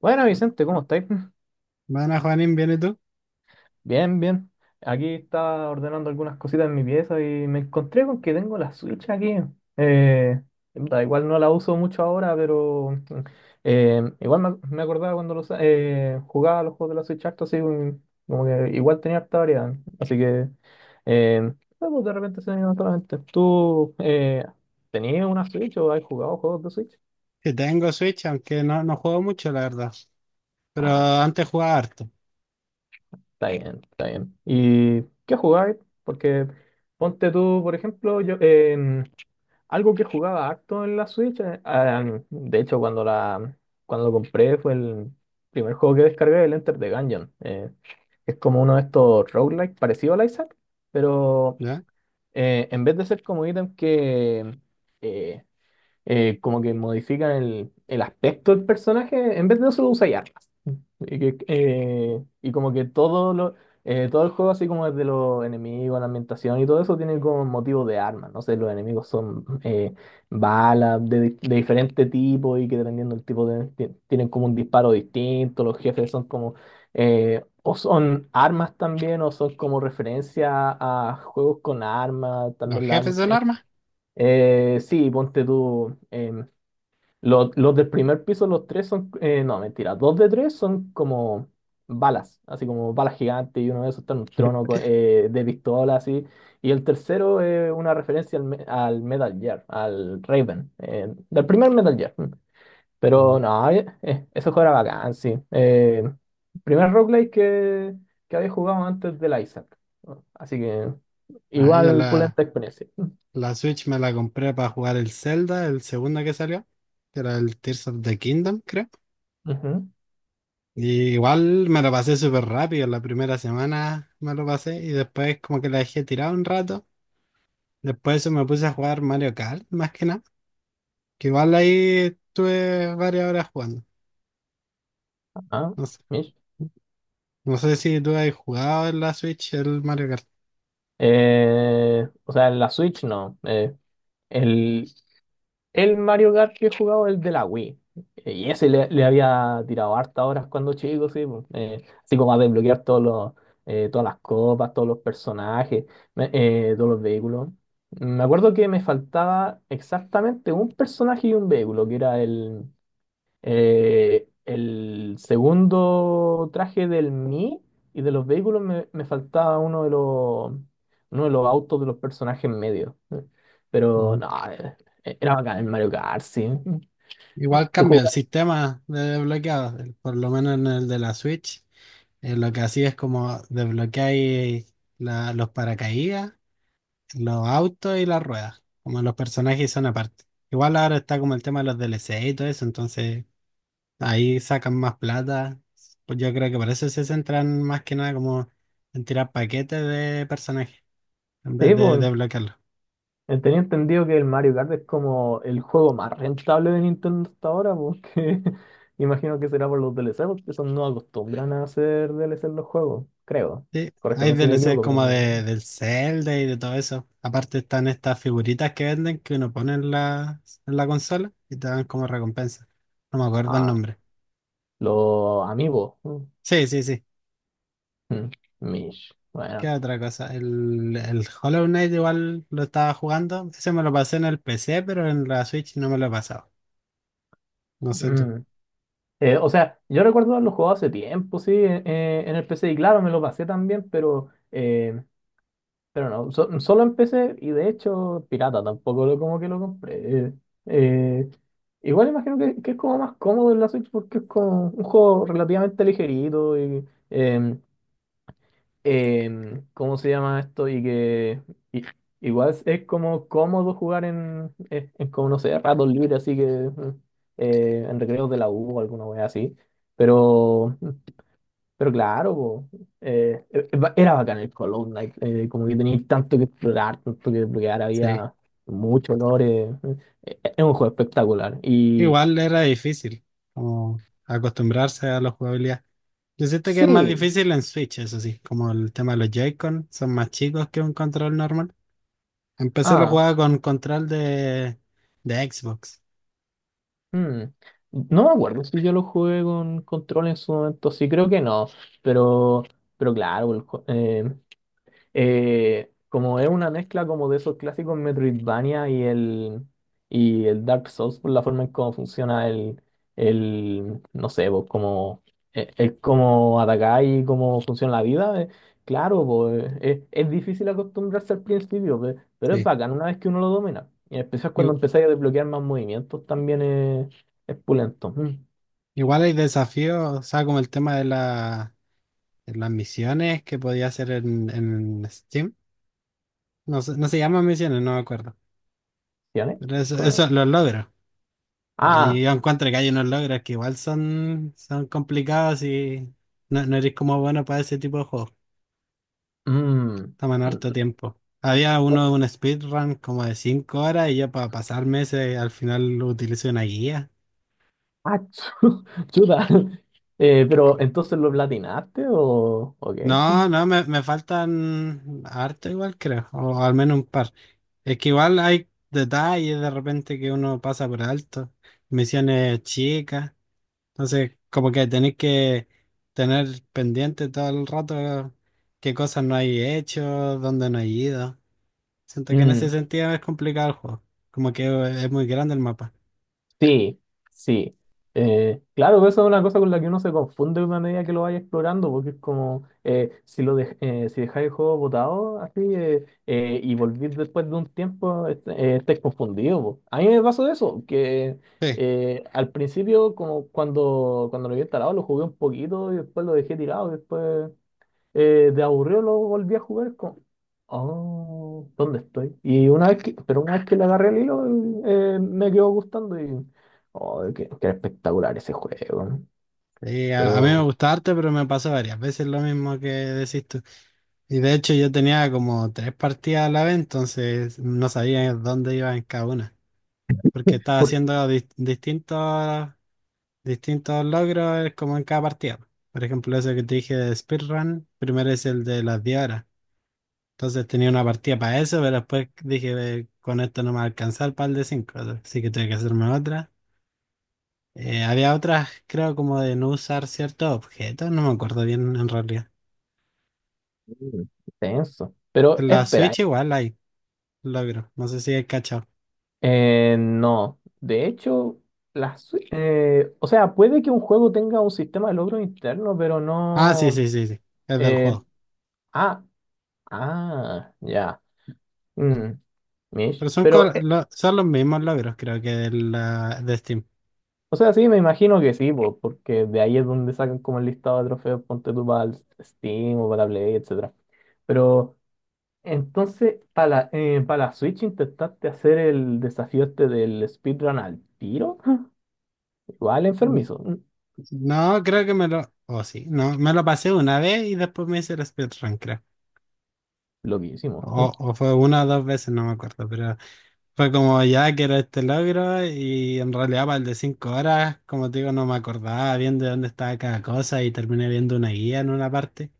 Bueno, Vicente, ¿cómo estáis? Bueno, Juanín, ¿vienes tú? Bien, bien. Aquí estaba ordenando algunas cositas en mi pieza y me encontré con que tengo la Switch aquí. Eh, da igual, no la uso mucho ahora, pero igual me acordaba cuando jugaba los juegos de la Switch harto, así como que igual tenía harta variedad. Así que eh, no, pues, de repente se me vino a la mente. ¿Tú tenías una Switch o has jugado juegos de Switch? Sí, tengo Switch, aunque no juego mucho, la verdad. Pero antes jugaba harto, Está bien, está bien. ¿Y qué jugáis? Porque ponte tú, por ejemplo, algo que jugaba harto en la Switch, de hecho cuando lo compré fue el primer juego que descargué, el Enter the Gungeon. Es como uno de estos roguelike parecido al Isaac, pero ¿ya? En vez de ser como ítem que eh, como que modifican el aspecto del personaje, en vez de eso lo usáis y como que todo el juego, así como desde los enemigos, la ambientación y todo eso, tiene como motivos de armas. No sé, los enemigos son balas de, de diferente tipo y que dependiendo del tipo tienen como un disparo distinto. Los jefes son como o son armas también o son como referencia a juegos con armas, Los también las jefes armas. son armas. Sí, ponte tú. Los del primer piso, los tres son, no, mentira, dos de tres son como balas, así como balas gigantes, y uno de esos está en un trono de pistola, así. Y el tercero es una referencia al, al Metal Gear, al Raven, del primer Metal Gear. Mm. Pero Mm. no, ese juego era bacán, sí. Primer roguelike que había jugado antes del Isaac. Así que Ah, igual pulenta experiencia. la Switch me la compré para jugar el Zelda, el segundo que salió, que era el Tears of the Kingdom, creo. Ujú, Y igual me lo pasé súper rápido, la primera semana me lo pasé y después como que la dejé tirada un rato. Después de eso me puse a jugar Mario Kart, más que nada, que igual ahí estuve varias horas jugando. ajá, Mish. No sé si tú has jugado en la Switch el Mario Kart. O sea, en la Switch no. El, el Mario Kart que he jugado es el de la Wii. Y ese le había tirado hartas horas cuando chico, sí. po. Así como a desbloquear todas las copas, todos los personajes, todos los vehículos. Me acuerdo que me faltaba exactamente un personaje y un vehículo, que era el segundo traje del Mii, y de los vehículos me faltaba uno de los autos de los personajes medios. Pero Ujú. no, era bacán el Mario Kart, sí. Igual ¿tú cambia el jugaste? sistema de desbloqueado, por lo menos en el de la Switch. Lo que hacía es como desbloqueáis los paracaídas, los autos y las ruedas. Como los personajes son aparte. Igual ahora está como el tema de los DLC y todo eso, entonces ahí sacan más plata. Pues yo creo que por eso se centran más que nada como en tirar paquetes de personajes en Sí, vez de pues, desbloquearlos. Tenía entendido que el Mario Kart es como el juego más rentable de Nintendo hasta ahora, porque imagino que será por los DLC, porque son no acostumbran a hacer DLC en los juegos, creo. Sí, hay Corrígeme si me DLC equivoco, pero como no. No, de, no. del Zelda y de todo eso. Aparte están estas figuritas que venden que uno pone en en la consola y te dan como recompensa. No me acuerdo el Ah, nombre. los amigos. Mm. Sí, sí, sí. Mm, Mish, ¿Qué bueno. otra cosa? El Hollow Knight igual lo estaba jugando. Ese me lo pasé en el PC, pero en la Switch no me lo he pasado. No sé tú. Mm. O sea, yo recuerdo haberlo jugado hace tiempo, sí, en el PC, y claro, me lo pasé también, pero no, solo en PC, y de hecho, pirata, tampoco lo, como que lo compré. Eh, Igual imagino que es como más cómodo en la Switch porque es como un juego relativamente ligerito y, eh, ¿cómo se llama esto? Y que i- igual es como cómodo jugar en como no sé, ratos libres, así que en recreos de la U o alguna wea así. Pero, mm, pero claro, po, era bacán el Hollow Knight, como que tenía tanto que explorar, tanto que desbloquear, Sí. había muchos olores. Es un juego espectacular. Y Igual era difícil como acostumbrarse a la jugabilidad. Yo siento que es más sí, difícil en Switch, eso sí. Como el tema de los Joy-Con son más chicos que un control normal. Empecé la ah, jugada con de Xbox. hmm, no me acuerdo si yo lo jugué con control en su momento, sí creo que no, pero, pero claro, eh, como es una mezcla como de esos clásicos Metroidvania y el Dark Souls por la forma en cómo funciona el no sé, pues como el cómo atacar y cómo funciona la vida, claro, pues es difícil acostumbrarse al principio, pero es Sí. bacán una vez que uno lo domina. Y en especial cuando Igu- empezáis a desbloquear más movimientos también es pulento. Mm, Igual hay desafíos, o sea, como el tema de las misiones que podía hacer en Steam. No, no se llaman misiones, no me acuerdo. ¿sí, Ale? Pero eso, Co- eso los logros. Ah, Y yo encuentro que hay unos logros que igual son complicados y no eres como bueno para ese tipo de juegos. mm, Toman mm, harto tiempo. Había uno de un speedrun como de 5 horas y yo para pasarme ese al final utilicé una guía. ah, chuta. Pero entonces, ¿lo platinaste o qué? No, me faltan harto igual creo, o al menos un par. Es que igual hay detalles de repente que uno pasa por alto, misiones chicas, entonces como que tenéis que tener pendiente todo el rato qué cosas no hay hecho, dónde no hay ido. Siento que en ese Mm, sentido es complicado el juego, como que es muy grande el mapa. sí, sí. Claro, eso es una cosa con la que uno se confunde a medida que lo vaya explorando, porque es como si lo si dejáis el juego botado así y volvís después de un tiempo, estáis confundido. Po. A mí me pasó eso, que Sí. Al principio, como cuando lo había instalado, lo jugué un poquito y después lo dejé tirado, y después. De aburrido lo volví a jugar con... Oh, ¿dónde estoy? Y una vez que, pero una vez que le agarré el hilo, me quedó gustando y... Oh, qué espectacular ese juego. ¿No? Sí, a mí me Pero... gusta harto, pero me pasó varias veces lo mismo que decís tú. Y de hecho yo tenía como 3 partidas a la vez, entonces no sabía dónde iba en cada una, porque estaba ¿Por haciendo distintos logros como en cada partida. Por ejemplo, eso que te dije de speedrun, primero es el de las 10 horas. Entonces tenía una partida para eso, pero después dije, con esto no me va a alcanzar para el de cinco, así que tuve que hacerme otra. Había otras, creo, como de no usar ciertos objetos, no me acuerdo bien en realidad." qué? Tenso. Pero En la espera, Switch igual hay logros, no sé si hay cachado. No. De hecho, la Switch... O sea, puede que un juego tenga un sistema de logro interno, pero Ah, sí, no... sí, sí, sí. Es del eh, juego. ah, ah, ya. Mm, Mish. Pero son, Pero son los mismos logros, creo que de Steam. o sea, sí, me imagino que sí, po, porque de ahí es donde sacan como el listado de trofeos, ponte tú para el Steam o para la Play, etcétera. Pero entonces, para la, pa' la Switch, ¿intentaste hacer el desafío este del speedrun al tiro? Igual N- enfermizo, mm, No, creo que me lo. Oh, sí. No, me lo pasé una vez y después me hice el speedrun, creo. loquísimo. O fue una o dos veces, no me acuerdo. Pero fue como ya quiero este logro y en realidad para el de 5 horas, como te digo, no me acordaba bien de dónde estaba cada cosa y terminé viendo una guía en una parte.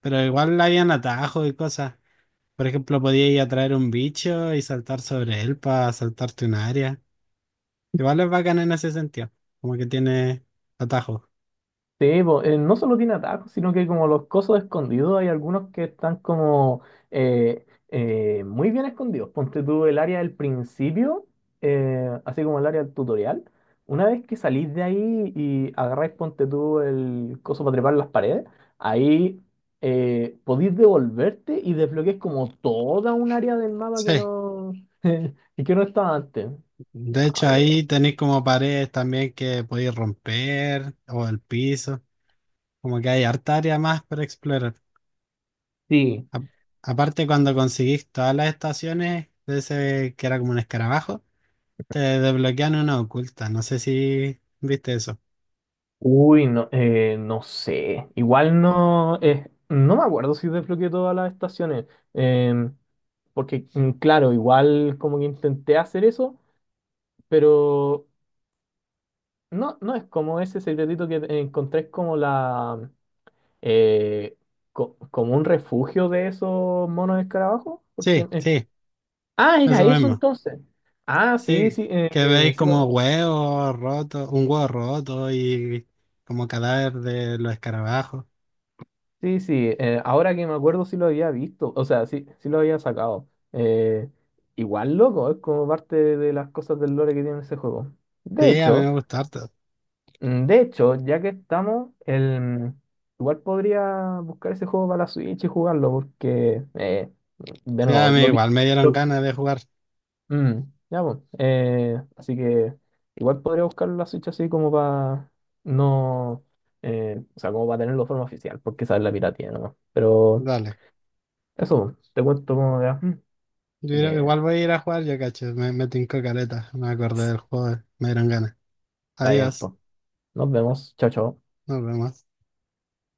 Pero igual habían atajos y cosas. Por ejemplo, podía ir a traer un bicho y saltar sobre él para saltarte un área. Igual es bacán en ese sentido, como que tiene atajos. Sí, po, no solo tiene atajos, sino que como los cosos escondidos, hay algunos que están como muy bien escondidos. Ponte tú el área del principio, así como el área del tutorial. Una vez que salís de ahí y agarráis, ponte tú el coso para trepar las paredes, ahí podéis devolverte y desbloqueáis como toda un área del mapa que Sí, no, que no estaba antes. de Ah, hecho ahí pero tenéis como paredes también que podéis romper o el piso, como que hay harta área más para explorar. sí, A- Aparte cuando conseguís todas las estaciones de ese que era como un escarabajo, te desbloquean una oculta, no sé si viste eso. uy, no, no sé. Igual no, no me acuerdo si desbloqueé todas las estaciones. em, Porque, mm, claro, igual como que intenté hacer eso, pero no, no es como ese secretito que encontré, es como la eh, como un refugio de esos monos escarabajos. Porque, Sí, sí, era eso eso mismo. entonces. Ah, sí, Sí, sí, que veis sí como lo, huevos rotos, un huevo roto y como cadáver de los escarabajos. sí, sí, ahora que me acuerdo sí lo había visto, o sea, sí, sí lo había sacado. Igual loco, es como parte de las cosas del lore que tiene ese juego. De Sí, a mí hecho, me gusta harto. mm, de hecho, ya que estamos, el, igual podría buscar ese juego para la Switch y jugarlo, porque, de Sí, a nuevo, mí lo vi. igual me dieron lo- ganas de jugar. mm, ya, pues, así que igual podría buscar la Switch así como para no, o sea, como para tenerlo de forma oficial, porque esa es la piratía nomás. Pero... Dale. Eso, te cuento cómo me va. Así que, Igual voy a ir a jugar, yo cacho. Me tincó caleta. Me acordé del juego. Me dieron ganas. está bien, Adiós. pues. Nos vemos. Chao, chao. Nos vemos.